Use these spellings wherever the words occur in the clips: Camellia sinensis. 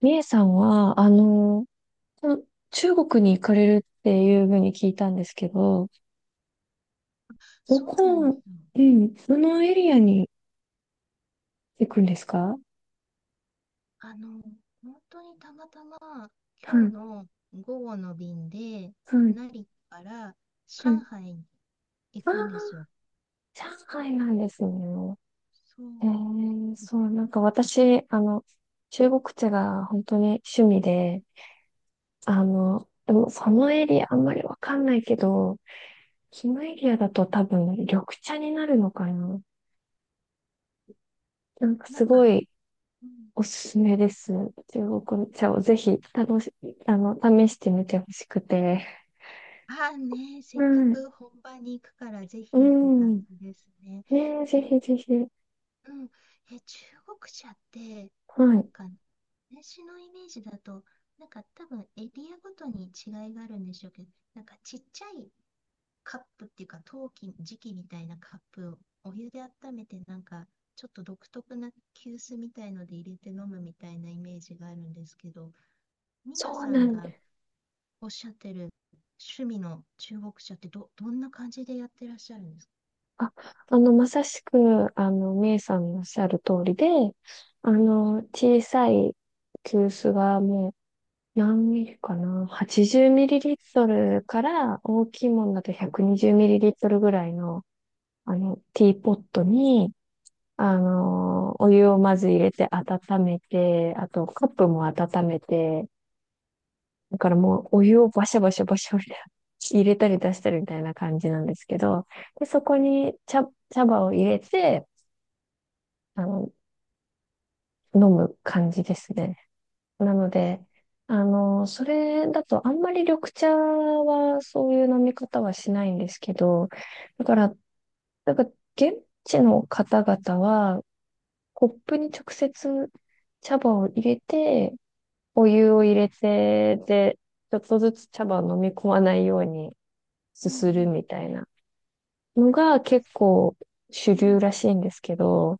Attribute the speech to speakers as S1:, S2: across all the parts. S1: みえさんは、この中国に行かれるっていうふうに聞いたんですけど、ど
S2: そうなんです
S1: こ、
S2: よ。
S1: うん、どのエリアに行くんですか？は
S2: あの、本当にたまたま今日
S1: い、
S2: の午後の便で、
S1: はい、
S2: 成田から
S1: は
S2: 上
S1: い。
S2: 海に行
S1: あ
S2: くんです
S1: あ、
S2: よ。
S1: 上海なんですね。
S2: そう、
S1: そう、なんか私、中国茶が本当に趣味で、でもそのエリアあんまりわかんないけど、そのエリアだと多分緑茶になるのかな。なんか
S2: な
S1: す
S2: んか、
S1: ごい、
S2: うん、
S1: おすすめです。中国茶をぜひ楽し、あの、試してみてほしくて。
S2: ああ、ね、
S1: は
S2: せっか
S1: い。
S2: く本場に行くからぜ
S1: う
S2: ひって感
S1: ん。
S2: じですね。
S1: ねえ、ぜ
S2: え、
S1: ひぜひ。
S2: うん、え、中国茶って、
S1: は
S2: なん
S1: い。
S2: か、私のイメージだと、なんか多分エリアごとに違いがあるんでしょうけど、なんかちっちゃいカップっていうか陶器、磁器みたいなカップをお湯で温めて、なんかちょっと独特な急須みたいので入れて飲むみたいなイメージがあるんですけど、皆
S1: そう
S2: さ
S1: な
S2: ん
S1: んで
S2: が
S1: す。
S2: おっしゃってる趣味の中国茶ってどんな感じでやってらっしゃるんですか？
S1: あ、まさしく、メイさんのおっしゃる通りで、小さい急須がもう何ミリかな？ 80 ミリリットルから大きいものだと120ミリリットルぐらいの、ティーポットに、お湯をまず入れて温めて、あとカップも温めて、だからもうお湯をバシャバシャバシャ入れたり出したりみたいな感じなんですけど、で、そこに茶葉を入れて、あの、飲む感じですね。なので、それだとあんまり緑茶はそういう飲み方はしないんですけど、だから、だから現地の方々はコップに直接茶葉を入れて、お湯を入れて、で、ちょっとずつ茶葉を飲み込まないように
S2: う
S1: す
S2: ん
S1: する
S2: うん
S1: みたいなのが結構主
S2: うん。
S1: 流らしいんですけど、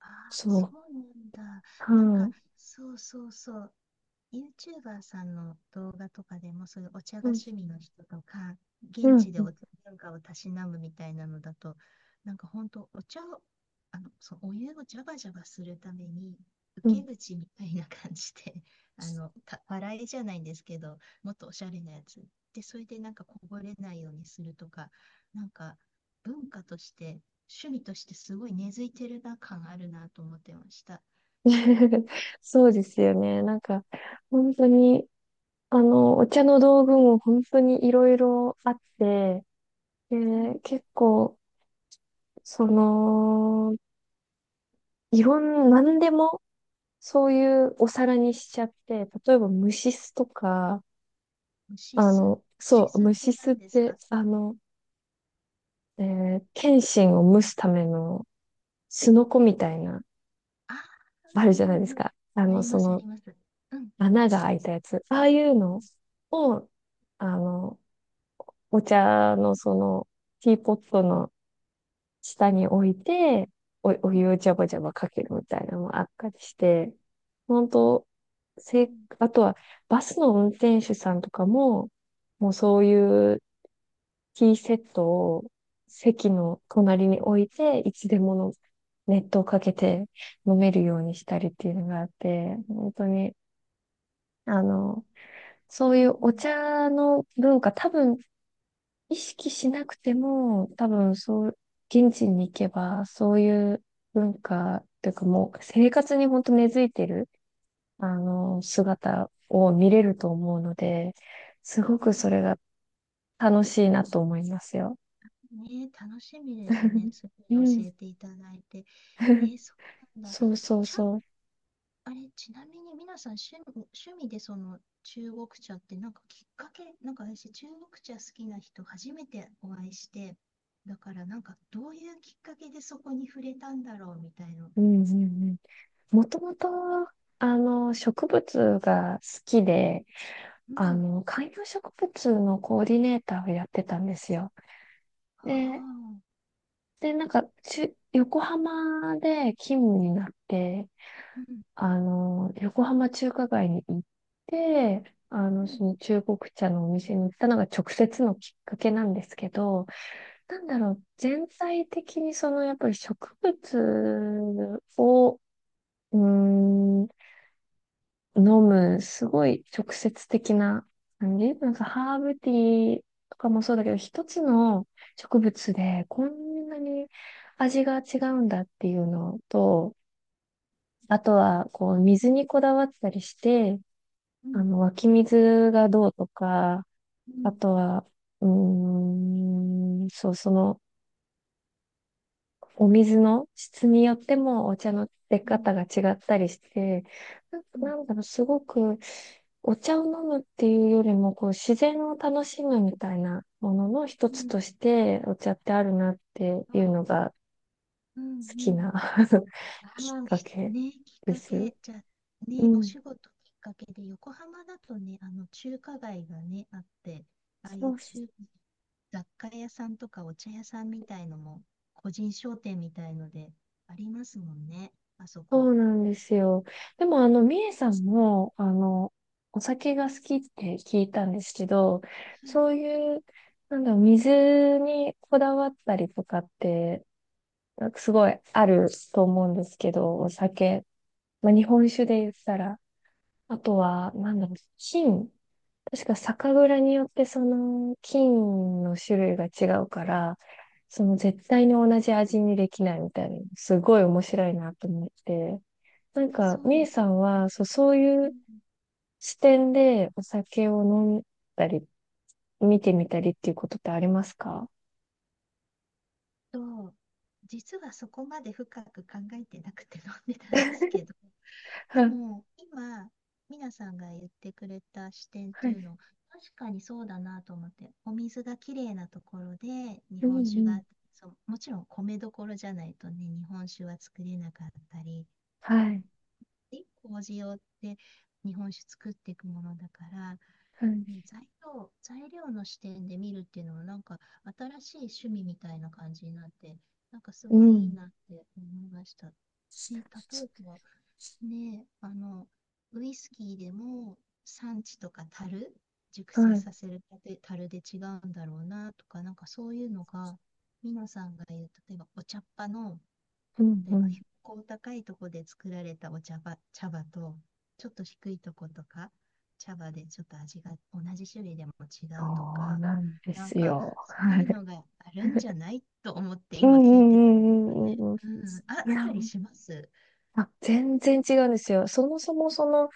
S2: ああ、
S1: そ
S2: そ
S1: う、
S2: うなんだ。
S1: は
S2: なんか、
S1: い、
S2: そうそうそう。YouTuber さんの動画とかでも、そういうお茶
S1: う
S2: が
S1: ん、
S2: 趣味の人とか、
S1: う
S2: 現
S1: ん、
S2: 地でお茶文化をたしなむみたいなのだと、なんか本当、お茶を、そう、お湯をジャバジャバするために、
S1: う
S2: 受
S1: ん。
S2: け口みたいな感じで、笑いじゃないんですけど、もっとおしゃれなやつ。で、それでなんかこぼれないようにするとか、なんか文化として、趣味としてすごい根付いてるな感あるなと思ってました。
S1: そうですよね。なんか、本当に、お茶の道具も本当にいろいろあって、で、
S2: うん。
S1: 結構、その、いろん、なんでも、そういうお皿にしちゃって、例えば蒸し酢とか、
S2: シスシ
S1: そう、
S2: スっ
S1: 虫
S2: て
S1: 巣っ
S2: 何です
S1: て、
S2: か？
S1: 剣心を蒸すためのすのこみたいな、
S2: ああ、
S1: ある
S2: う
S1: じゃない
S2: んう
S1: で
S2: ん
S1: す
S2: うん。
S1: か。
S2: あります、あります。うん、
S1: 穴が開いたやつ。ああいう
S2: う
S1: の
S2: ん、
S1: を、あの、お茶のティーポットの下に置いて、お湯をジャバジャバかけるみたいなのもあったりして、本当
S2: う
S1: せ、
S2: ん、
S1: あとは、バスの運転手さんとかも、もうそういうティーセットを席の隣に置いて、いつでもの熱湯をかけて飲めるようにしたりっていうのがあって、本当に、あの、そ
S2: う
S1: うい
S2: ん、
S1: う
S2: う
S1: お
S2: ん、
S1: 茶の文化、多分意識しなくても、多分そう、現地に行けば、そういう文化というかもう生活に本当根付いてる、姿を見れると思うので、すご
S2: うん。
S1: くそれが楽しいなと思いますよ。
S2: ねえ、楽しみですね。すご
S1: う
S2: い教
S1: ん。
S2: えていただいて。えー、そうなんだ。
S1: そうそう
S2: ちゃん、
S1: そう。
S2: あれ、ちなみに皆さん趣味でその中国茶ってなんかきっかけ、なんか私、中国茶好きな人初めてお会いして、だからなんかどういうきっかけでそこに触れたんだろうみたいな。
S1: うんうんうん。もともと、植物が好きで、
S2: うん。
S1: 観葉植物のコーディネーターをやってたんですよ。
S2: あ
S1: で、
S2: あ。
S1: で、なんか、横浜で勤務になって、
S2: うん。
S1: 横浜中華街に行って、
S2: うん。
S1: その中国茶のお店に行ったのが直接のきっかけなんですけど、なんだろう、全体的にそのやっぱり植物を、うーん、飲む、すごい直接的な感じ。なんかハーブティーとかもそうだけど、一つの植物でこんなに味が違うんだっていうのと、あとはこう水にこだわったりして、
S2: う
S1: あ
S2: ん。
S1: の湧き水がどうとか、
S2: う
S1: あ
S2: ん。
S1: とは、そう、そのお水の質によってもお茶の出
S2: う
S1: 方
S2: ん。
S1: が違ったりして、な、
S2: うん、
S1: なんだろう、すごくお茶を飲むっていうよりも、こう自然を楽しむみたいなものの一
S2: う
S1: つ
S2: ん、
S1: としてお茶ってあるなっていうの
S2: あ、
S1: が
S2: うん、う
S1: 好き
S2: ん。
S1: な きっ
S2: ああ、
S1: かけ
S2: きっ
S1: で
S2: か
S1: す。
S2: け、じゃあ、
S1: う
S2: ね、お
S1: ん。
S2: 仕事きっかけで、横浜だとね、中華街がね、あって、ああい
S1: そ
S2: う
S1: う
S2: 雑貨屋さんとかお茶屋さんみたいのも、個人商店みたいので、ありますもんね、あそ
S1: そ
S2: こ。
S1: うなんですよ。でも、みえさんも、お酒が好きって聞いたんですけど、
S2: はい、
S1: そういう、なんだろう、水にこだわったりとかって、なんかすごいあると思うんですけど、お酒。まあ、日本酒で言ったら。あとは、なんだろう、菌。確か酒蔵によってその菌の種類が違うから、その絶対に同じ味にできないみたいな、すごい面白いなと思って。なん
S2: え、
S1: か、
S2: そう
S1: み
S2: で
S1: え
S2: す。
S1: さんは、そう、そう
S2: う
S1: いう
S2: ん
S1: 視点でお酒を飲んだり、見てみたりっていうことってありますか？
S2: と、実はそこまで深く考えてなくて飲んでたんですけど、
S1: は
S2: で
S1: い、
S2: も今、ミナさんが言ってくれた視点っ
S1: は
S2: ていう
S1: い、
S2: の、確かにそうだなと思って、お水がきれいなところで日
S1: うん、
S2: 本
S1: う
S2: 酒が、
S1: ん、
S2: そう、もちろん米どころじゃないとね、日本酒は作れなかったり、
S1: はい、
S2: で、麹をって日本酒作っていくものだから、
S1: はい、
S2: ね、材料の視点で見るっていうのもなんか新しい趣味みたいな感じになって、なんかす
S1: う
S2: ごいいい
S1: ん、
S2: なって思いました。で、例えば、ねえ、ウイスキーでも産地とか樽、熟
S1: は
S2: 成
S1: い、
S2: させるたて樽で違うんだろうなとか、なんかそういうのが、ミノさんが言う、例えばお茶っ葉の、
S1: うん、
S2: 例
S1: う
S2: えば
S1: ん。
S2: 標高高いとこで作られたお茶葉、茶葉と、ちょっと低いとことか、茶葉でちょっと味が同じ種類でも違
S1: そ
S2: うと
S1: う
S2: か、
S1: なんで
S2: なん
S1: す
S2: か
S1: よ。
S2: そう
S1: は
S2: いう
S1: い。
S2: のがあるんじゃないと思って
S1: う
S2: 今
S1: ん、う
S2: 聞いてたんですよ
S1: ん、うん、
S2: ね。
S1: うん、うん。うん、
S2: うん、
S1: い
S2: あっ
S1: や、
S2: たりします。
S1: あ、全然違うんですよ。そもそも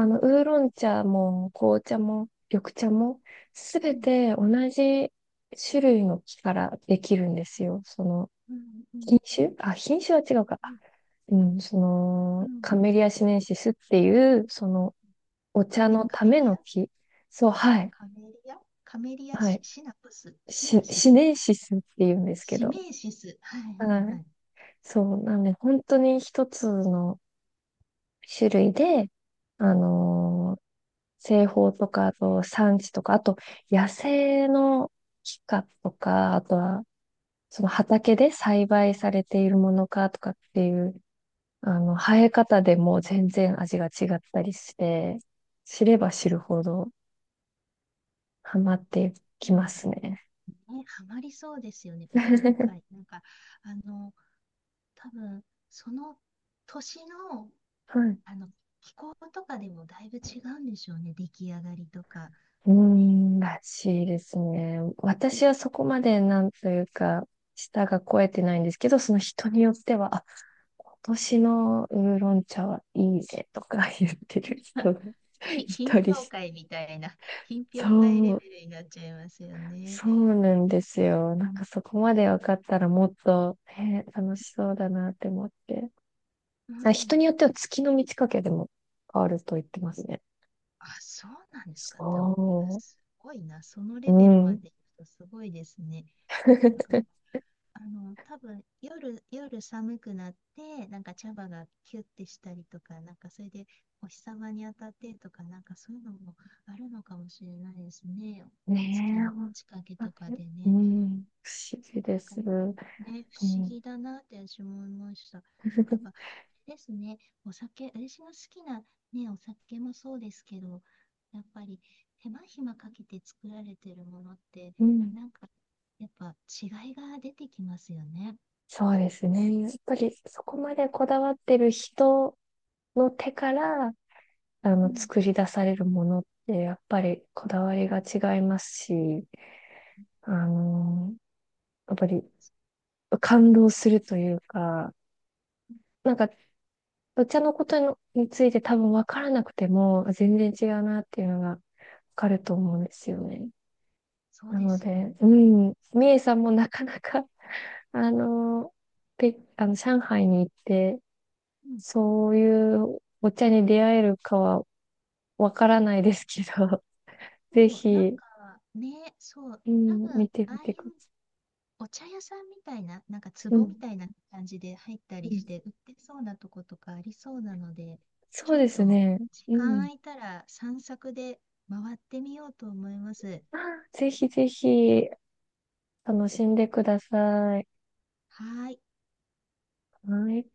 S2: うん、
S1: ウーロン茶も紅茶も緑茶もす
S2: う
S1: べ
S2: ん。
S1: て同じ種類の木からできるんですよ。その
S2: うんうん
S1: 品種は違うか。
S2: う
S1: あ、
S2: ん
S1: うん、そ
S2: う
S1: の
S2: ん
S1: カメリアシネンシスっ
S2: う
S1: て
S2: ん。
S1: いうそのお茶の
S2: カ
S1: た
S2: メ
S1: め
S2: リ
S1: の
S2: ア、
S1: 木。そう、はい。
S2: カメリア、
S1: はい。
S2: シナプスシナシ
S1: シ
S2: ス、
S1: ネンシスっていうんですけ
S2: シ
S1: ど。
S2: メイシス。はいはい
S1: は
S2: は
S1: い。
S2: い。
S1: そう、なんで本当に一つの種類で、あのー製法とか、あと産地とか、あと野生の木かとか、あとはその畑で栽培されているものかとかっていう、生え方でもう全然味が違ったりして、知れば知るほどハマってき
S2: う
S1: ま
S2: ん、
S1: すね。
S2: ね、ハマりそうですよね、奥 深い。なんか、あの、多分その年の、
S1: はい。
S2: あの気候とかでもだいぶ違うんでしょうね、出来上がりとか。
S1: うー
S2: ね、
S1: ん、らしいですね。私はそこまでなんというか、舌が肥えてないんですけど、その人によっては、今年のウーロン茶はいいねとか言ってる人 が い
S2: 品
S1: たり
S2: 評
S1: して、
S2: 会みたいな、品評会
S1: そ
S2: レ
S1: う、
S2: ベルになっちゃいますよね。
S1: そうなんですよ。なんかそこまで分かったらもっと、ね、楽しそうだなって思って。
S2: う
S1: あ、人に
S2: ん、
S1: よっては月の満ち欠けでも変わると言ってますね。
S2: あ、そうなんですか。でもいや
S1: そ
S2: すごいな。その
S1: う。う
S2: レベルまで
S1: ん。
S2: 行くとすごいですね。なんか、多分夜寒くなって、なんか茶葉がキュッてしたりとか、なんかそれでお日様に当たってとか、なんかそういうのもあるのかもしれないですね。
S1: ね
S2: 月
S1: え、
S2: の
S1: 本
S2: 近けと
S1: 当
S2: か
S1: に。
S2: で
S1: う
S2: ね。
S1: ん。不思議で
S2: なんか
S1: す。う
S2: ね、不思
S1: ん。
S2: 議だなって私も思いました。なんかやっぱ、あれですね、お酒、私が好きな、ね、お酒もそうですけど、やっぱり手間暇かけて作られてるものって、
S1: うん。
S2: なんかやっぱ違いが出てきますよね。
S1: そうですね。やっぱりそこまでこだわってる人の手から、
S2: うん、
S1: 作り出されるものって、やっぱりこだわりが違いますし、あの、やっぱり
S2: そ
S1: 感動するというか、なんか、お茶のことについて多分分からなくても、全然違うなっていうのが分かると思うんですよね。
S2: そう
S1: な
S2: で
S1: の
S2: すよ
S1: で、う
S2: ね。
S1: ん、みえさんもなかなか、あの、ペあの、上海に行って、
S2: うん、
S1: そういうお茶に出会えるかは分からないですけど、
S2: そ
S1: ぜ
S2: う、なん
S1: ひ、
S2: かね、そう、
S1: う
S2: 多
S1: ん、
S2: 分
S1: 見て
S2: ああ
S1: み
S2: い
S1: てくだ
S2: う
S1: さ
S2: お茶屋さんみたいな、なんか
S1: い。う
S2: 壺
S1: ん、
S2: みたいな感じで入ったり
S1: う
S2: し
S1: ん。
S2: て売ってそうなとことかありそうなので、
S1: そ
S2: ちょ
S1: う
S2: っ
S1: です
S2: と
S1: ね。
S2: 時
S1: う
S2: 間
S1: ん。
S2: 空いたら散策で回ってみようと思います。
S1: あ、ぜひぜひ、楽しんでください。
S2: はーい。
S1: はい。